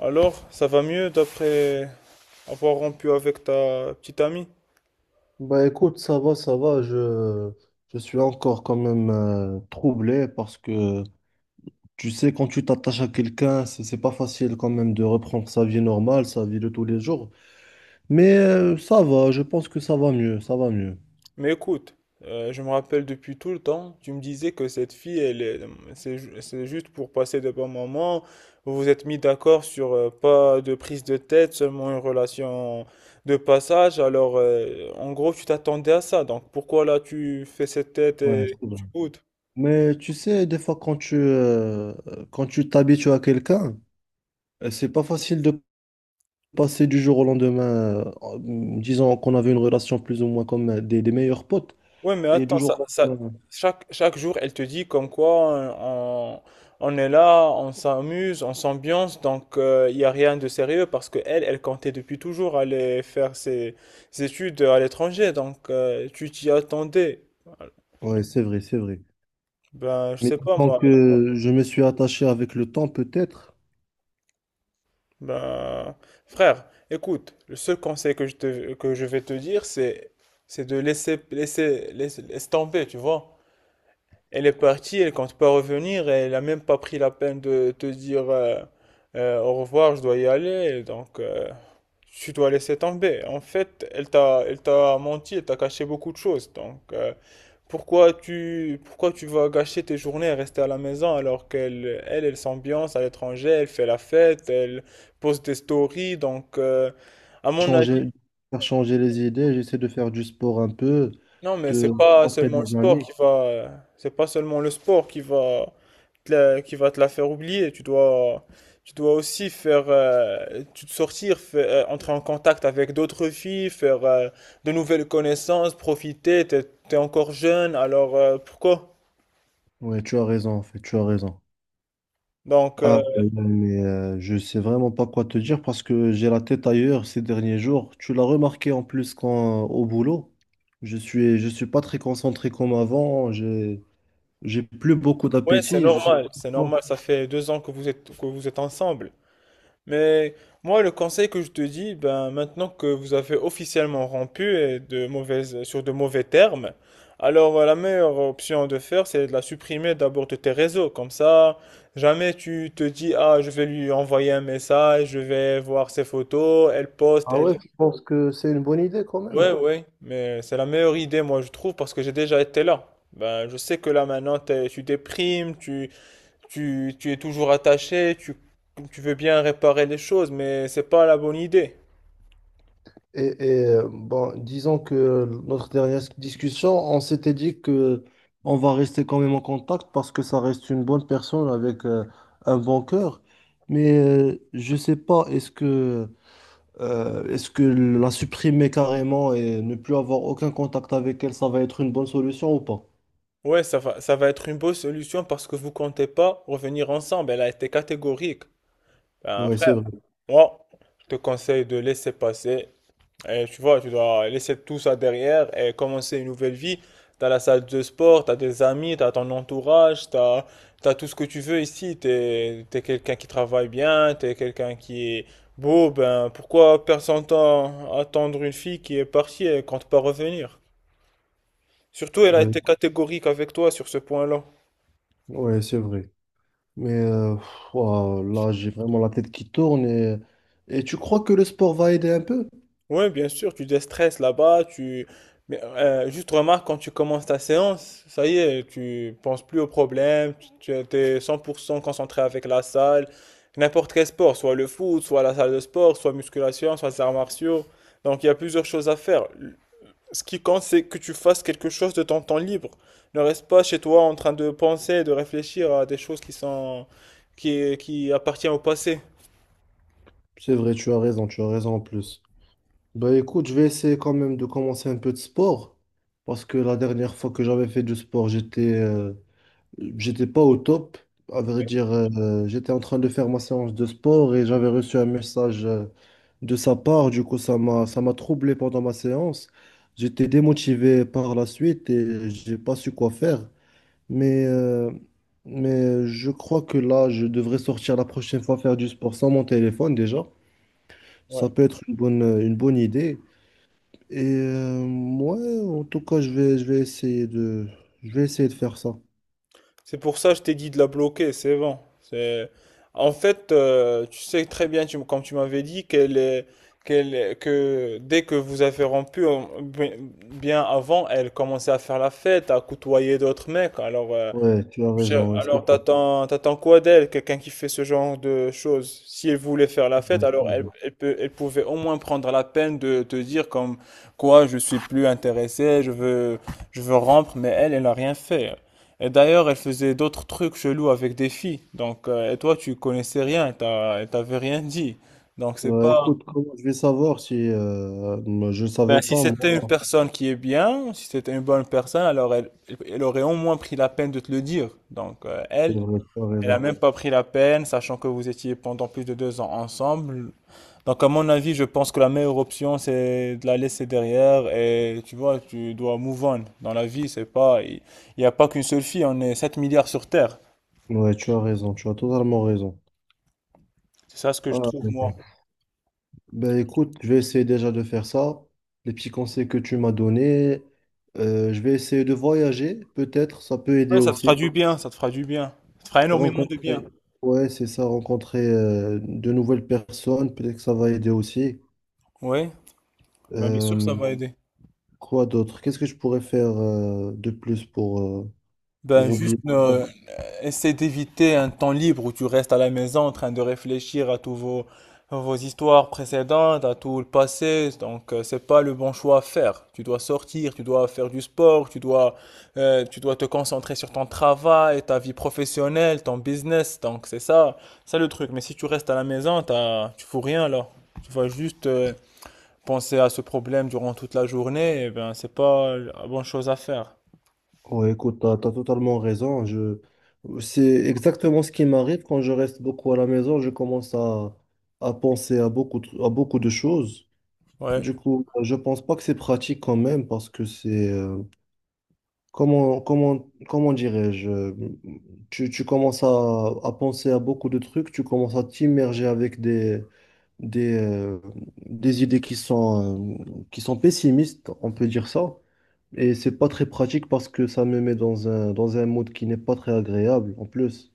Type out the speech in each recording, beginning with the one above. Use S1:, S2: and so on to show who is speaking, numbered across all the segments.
S1: Alors, ça va mieux d'après avoir rompu avec ta petite amie?
S2: Bah écoute, ça va, je suis encore quand même troublé parce que tu sais, quand tu t'attaches à quelqu'un, c'est pas facile quand même de reprendre sa vie normale, sa vie de tous les jours. Mais ça va, je pense que ça va mieux, ça va mieux.
S1: Mais écoute, je me rappelle depuis tout le temps, tu me disais que cette fille, elle est, c'est, ju- c'est juste pour passer de bons moments. Vous vous êtes mis d'accord sur pas de prise de tête, seulement une relation de passage. Alors, en gros, tu t'attendais à ça. Donc, pourquoi là tu fais cette tête
S2: Ouais,
S1: et
S2: c'est vrai.
S1: tu boudes?
S2: Mais tu sais, des fois quand tu t'habitues à quelqu'un, c'est pas facile de passer du jour au lendemain, disons qu'on avait une relation plus ou moins comme des meilleurs potes,
S1: Ouais, mais
S2: et du
S1: attends,
S2: jour au lendemain.
S1: chaque jour, elle te dit comme quoi on est là, on s'amuse, on s'ambiance, donc il y n'y a rien de sérieux parce que elle, elle comptait depuis toujours aller faire ses études à l'étranger, donc tu t'y attendais.
S2: Ouais, c'est vrai, c'est vrai.
S1: Ben, je
S2: Mais
S1: sais pas
S2: disons
S1: moi.
S2: que je me suis attaché avec le temps, peut-être,
S1: Ben, frère, écoute, le seul conseil que que je vais te dire, c'est de laisse tomber, tu vois. Elle est partie, elle compte pas revenir, elle a même pas pris la peine de te dire au revoir, je dois y aller, donc tu dois laisser tomber. En fait, elle t'a menti, elle t'a caché beaucoup de choses, donc pourquoi tu vas gâcher tes journées à rester à la maison alors qu'elle, elle s'ambiance à l'étranger, elle fait la fête, elle poste des stories, donc à mon avis,
S2: changer, faire changer les idées, j'essaie de faire du sport un peu,
S1: non, mais
S2: de rencontrer des amis.
S1: c'est pas seulement le sport qui va qui va te la faire oublier. Tu dois aussi faire, tu te sortir, entrer en contact avec d'autres filles, faire de nouvelles connaissances, profiter. T'es encore jeune, alors pourquoi?
S2: Ouais, tu as raison, en fait, tu as raison.
S1: Donc,
S2: Ah, euh, mais euh, je sais vraiment pas quoi te dire parce que j'ai la tête ailleurs ces derniers jours. Tu l'as remarqué en plus quand au boulot, je suis pas très concentré comme avant. J'ai plus beaucoup
S1: ouais, c'est
S2: d'appétit. Je sais pas
S1: normal, c'est
S2: pourquoi.
S1: normal. Ça fait 2 ans que que vous êtes ensemble. Mais moi, le conseil que je te dis, ben, maintenant que vous avez officiellement rompu et de sur de mauvais termes, alors la meilleure option de faire, c'est de la supprimer d'abord de tes réseaux. Comme ça, jamais tu te dis, ah, je vais lui envoyer un message, je vais voir ses photos, elle poste,
S2: Ah
S1: elle...
S2: ouais, je pense que c'est une bonne idée quand même.
S1: Ouais, ouais, mais c'est la meilleure idée, moi, je trouve, parce que j'ai déjà été là. Ben, je sais que là, maintenant, tu déprimes, tu es toujours attaché, tu veux bien réparer les choses, mais c'est pas la bonne idée.
S2: Bon, disons que notre dernière discussion, on s'était dit que on va rester quand même en contact parce que ça reste une bonne personne avec un bon cœur. Mais je sais pas, est-ce que la supprimer carrément et ne plus avoir aucun contact avec elle, ça va être une bonne solution ou pas?
S1: Ouais, ça va être une bonne solution parce que vous comptez pas revenir ensemble. Elle a été catégorique. Ben,
S2: Ouais, c'est
S1: frère,
S2: vrai.
S1: moi, je te conseille de laisser passer. Et tu vois, tu dois laisser tout ça derrière et commencer une nouvelle vie. T'as la salle de sport, t'as des amis, t'as ton entourage, t'as tout ce que tu veux ici. T'es quelqu'un qui travaille bien, t'es quelqu'un qui est beau. Ben, pourquoi attendre une fille qui est partie et compte pas revenir? Surtout, elle a
S2: Ouais,
S1: été catégorique avec toi sur ce point-là.
S2: ouais, c'est vrai. Mais pff, ouah, là, j'ai vraiment la tête qui tourne. Et tu crois que le sport va aider un peu?
S1: Oui, bien sûr, tu déstresses là-bas, tu... Mais, juste remarque, quand tu commences ta séance, ça y est, tu penses plus aux problèmes, tu es 100% concentré avec la salle, n'importe quel sport, soit le foot, soit la salle de sport, soit musculation, soit les arts martiaux. Donc il y a plusieurs choses à faire. Ce qui compte, c'est que tu fasses quelque chose de ton temps libre. Ne reste pas chez toi en train de penser, de réfléchir à des choses qui sont... qui appartiennent au passé.
S2: C'est vrai, tu as raison en plus. Bah écoute, je vais essayer quand même de commencer un peu de sport parce que la dernière fois que j'avais fait du sport, j'étais pas au top. À vrai dire, j'étais en train de faire ma séance de sport et j'avais reçu un message de sa part. Du coup, ça m'a troublé pendant ma séance. J'étais démotivé par la suite et j'ai pas su quoi faire. Mais euh, mais je crois que là, je devrais sortir la prochaine fois faire du sport sans mon téléphone déjà. Ça
S1: Ouais.
S2: peut être une bonne idée. Et ouais, en tout cas, je vais essayer je vais essayer de faire ça.
S1: C'est pour ça que je t'ai dit de la bloquer, c'est bon. C'est... En fait, tu sais très bien, tu, comme tu m'avais dit, que dès que vous avez rompu, bien bien avant, elle commençait à faire la fête, à côtoyer d'autres mecs. Alors,
S2: Ouais, tu as raison, ouais, c'est
S1: alors,
S2: ça.
S1: t'attends quoi d'elle, quelqu'un qui fait ce genre de choses? Si elle voulait faire la fête,
S2: Ouais,
S1: alors
S2: c'est
S1: elle,
S2: vrai.
S1: elle pouvait au moins prendre la peine de te dire comme quoi je suis plus intéressé, je veux rompre, mais elle, elle n'a rien fait. Et d'ailleurs, elle faisait d'autres trucs chelous avec des filles. Donc, et toi, tu connaissais rien, elle t'avait rien dit. Donc, c'est
S2: Ouais,
S1: pas.
S2: écoute, comment je vais savoir si moi, je ne
S1: Ben,
S2: savais
S1: si
S2: pas, moi.
S1: c'était une personne qui est bien, si c'était une bonne personne, alors elle aurait au moins pris la peine de te le dire. Donc,
S2: C'est vrai, tu as
S1: elle a
S2: raison.
S1: même pas pris la peine, sachant que vous étiez pendant plus de 2 ans ensemble. Donc, à mon avis, je pense que la meilleure option, c'est de la laisser derrière et tu vois, tu dois move on. Dans la vie, c'est pas, il n'y a pas qu'une seule fille, on est 7 milliards sur Terre.
S2: Ouais, tu as raison, tu as totalement raison.
S1: C'est ça ce que je
S2: Ah,
S1: trouve, moi.
S2: mais ben écoute, je vais essayer déjà de faire ça. Les petits conseils que tu m'as donnés, je vais essayer de voyager, peut-être, ça peut aider
S1: Ouais, ça te fera
S2: aussi.
S1: du bien, ça te fera du bien. Ça te fera énormément de bien.
S2: Rencontrer, ouais, c'est ça, rencontrer de nouvelles personnes, peut-être que ça va aider aussi.
S1: Oui, bien sûr que
S2: Euh,
S1: ça va aider.
S2: quoi d'autre? Qu'est-ce que je pourrais faire de plus pour
S1: Ben juste
S2: oublier ça?
S1: essaie d'éviter un temps libre où tu restes à la maison en train de réfléchir à vos histoires précédentes, à tout le passé. Donc c'est pas le bon choix à faire. Tu dois sortir, tu dois faire du sport, tu dois te concentrer sur ton travail, ta vie professionnelle, ton business. Donc c'est ça, ça le truc. Mais si tu restes à la maison, tu fous rien là. Tu vas juste penser à ce problème durant toute la journée. Et ben c'est pas la bonne chose à faire.
S2: Ouais, écoute, t'as totalement raison. Je... C'est exactement ce qui m'arrive quand je reste beaucoup à la maison. À penser à à beaucoup de choses.
S1: Ouais.
S2: Du coup, je pense pas que c'est pratique quand même parce que c'est comment dirais-je, tu commences à penser à beaucoup de trucs, tu commences à t'immerger avec des, euh, des idées qui sont pessimistes, on peut dire ça. Et c'est pas très pratique parce que ça me met dans dans un mode qui n'est pas très agréable en plus.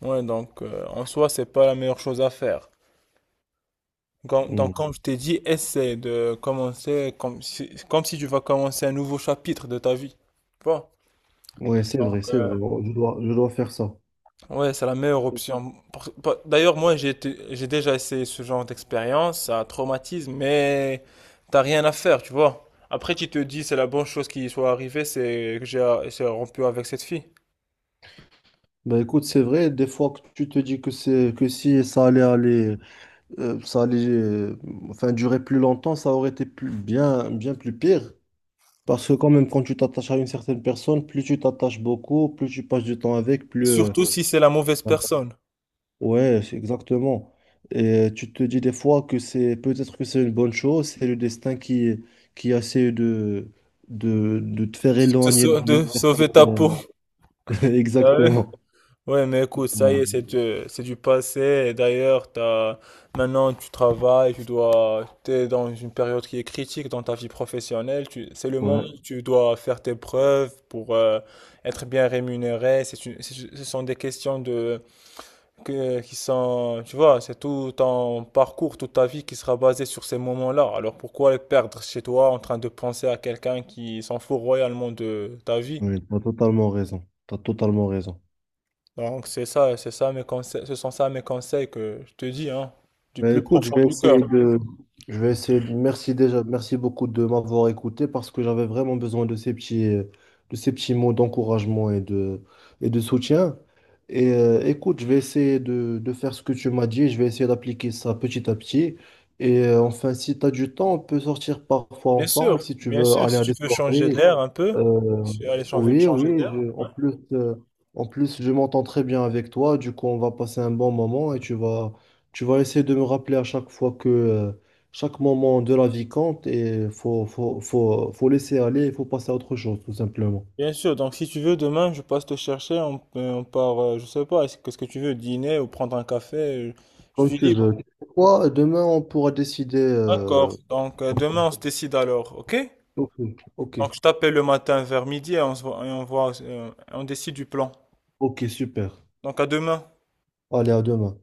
S1: Ouais, donc en soi, c'est pas la meilleure chose à faire. Donc,
S2: Mm.
S1: comme je t'ai dit, essaie de commencer comme si tu vas commencer un nouveau chapitre de ta vie. Tu vois?
S2: Ouais, c'est
S1: Donc,
S2: vrai, c'est vrai. Bon, je dois faire ça.
S1: ouais, c'est la meilleure option. D'ailleurs, moi, j'ai déjà essayé ce genre d'expérience, ça traumatise, mais t'as rien à faire, tu vois. Après, tu te dis, c'est la bonne chose qui soit arrivée, c'est que j'ai rompu avec cette fille.
S2: Bah écoute, c'est vrai, des fois que tu te dis que c'est que si ça allait aller ça allait, enfin, durer plus longtemps, ça aurait été plus, bien, bien plus pire. Parce que quand même, quand tu t'attaches à une certaine personne, plus tu t'attaches beaucoup, plus tu passes du temps avec,
S1: Et
S2: plus...
S1: surtout si c'est la mauvaise personne,
S2: ouais, c'est exactement. Et tu te dis des fois que c'est peut-être que c'est une bonne chose, c'est le destin qui essaie de te faire
S1: de,
S2: éloigner
S1: de
S2: d'une...
S1: sauver ta peau.
S2: Exactement.
S1: Ouais, mais écoute, ça y est, c'est du passé. Et d'ailleurs, maintenant, tu travailles, t'es dans une période qui est critique dans ta vie professionnelle. C'est le moment
S2: Ouais,
S1: où tu dois faire tes preuves pour être bien rémunéré. Ce sont des questions qui sont, tu vois, c'est tout ton parcours, toute ta vie qui sera basée sur ces moments-là. Alors pourquoi les perdre chez toi en train de penser à quelqu'un qui s'en fout royalement de ta vie?
S2: ouais, tu as totalement raison. T'as totalement raison.
S1: Donc c'est ça, ce sont ça mes conseils que je te dis, hein, du
S2: Ben,
S1: plus
S2: écoute,
S1: profond du cœur.
S2: je vais essayer de merci déjà, merci beaucoup de m'avoir écouté parce que j'avais vraiment besoin de ces petits mots d'encouragement et de soutien. Et écoute, je vais essayer de faire ce que tu m'as dit, je vais essayer d'appliquer ça petit à petit. Et enfin, si tu as du temps, on peut sortir parfois ensemble si tu
S1: Bien
S2: veux
S1: sûr,
S2: aller
S1: si
S2: à
S1: tu
S2: des
S1: veux changer
S2: soirées.
S1: d'air un peu,
S2: Euh,
S1: si tu veux aller
S2: oui,
S1: changer
S2: oui,
S1: d'air.
S2: je- en plus, je m'entends très bien avec toi, du coup, on va passer un bon moment et tu vas essayer de me rappeler à chaque fois que chaque moment de la vie compte et faut laisser aller, il faut passer à autre chose, tout simplement.
S1: Bien sûr, donc si tu veux, demain je passe te chercher, on part, je sais pas, qu'est-ce que tu veux, dîner ou prendre un café, je
S2: Comme
S1: suis
S2: tu
S1: libre.
S2: veux. Tu sais quoi, demain, on pourra décider.
S1: D'accord, donc demain on se décide alors, ok?
S2: Ok, ok,
S1: Donc je t'appelle le matin vers midi et on voit, on décide du plan.
S2: ok, super.
S1: Donc à demain.
S2: Allez, à demain.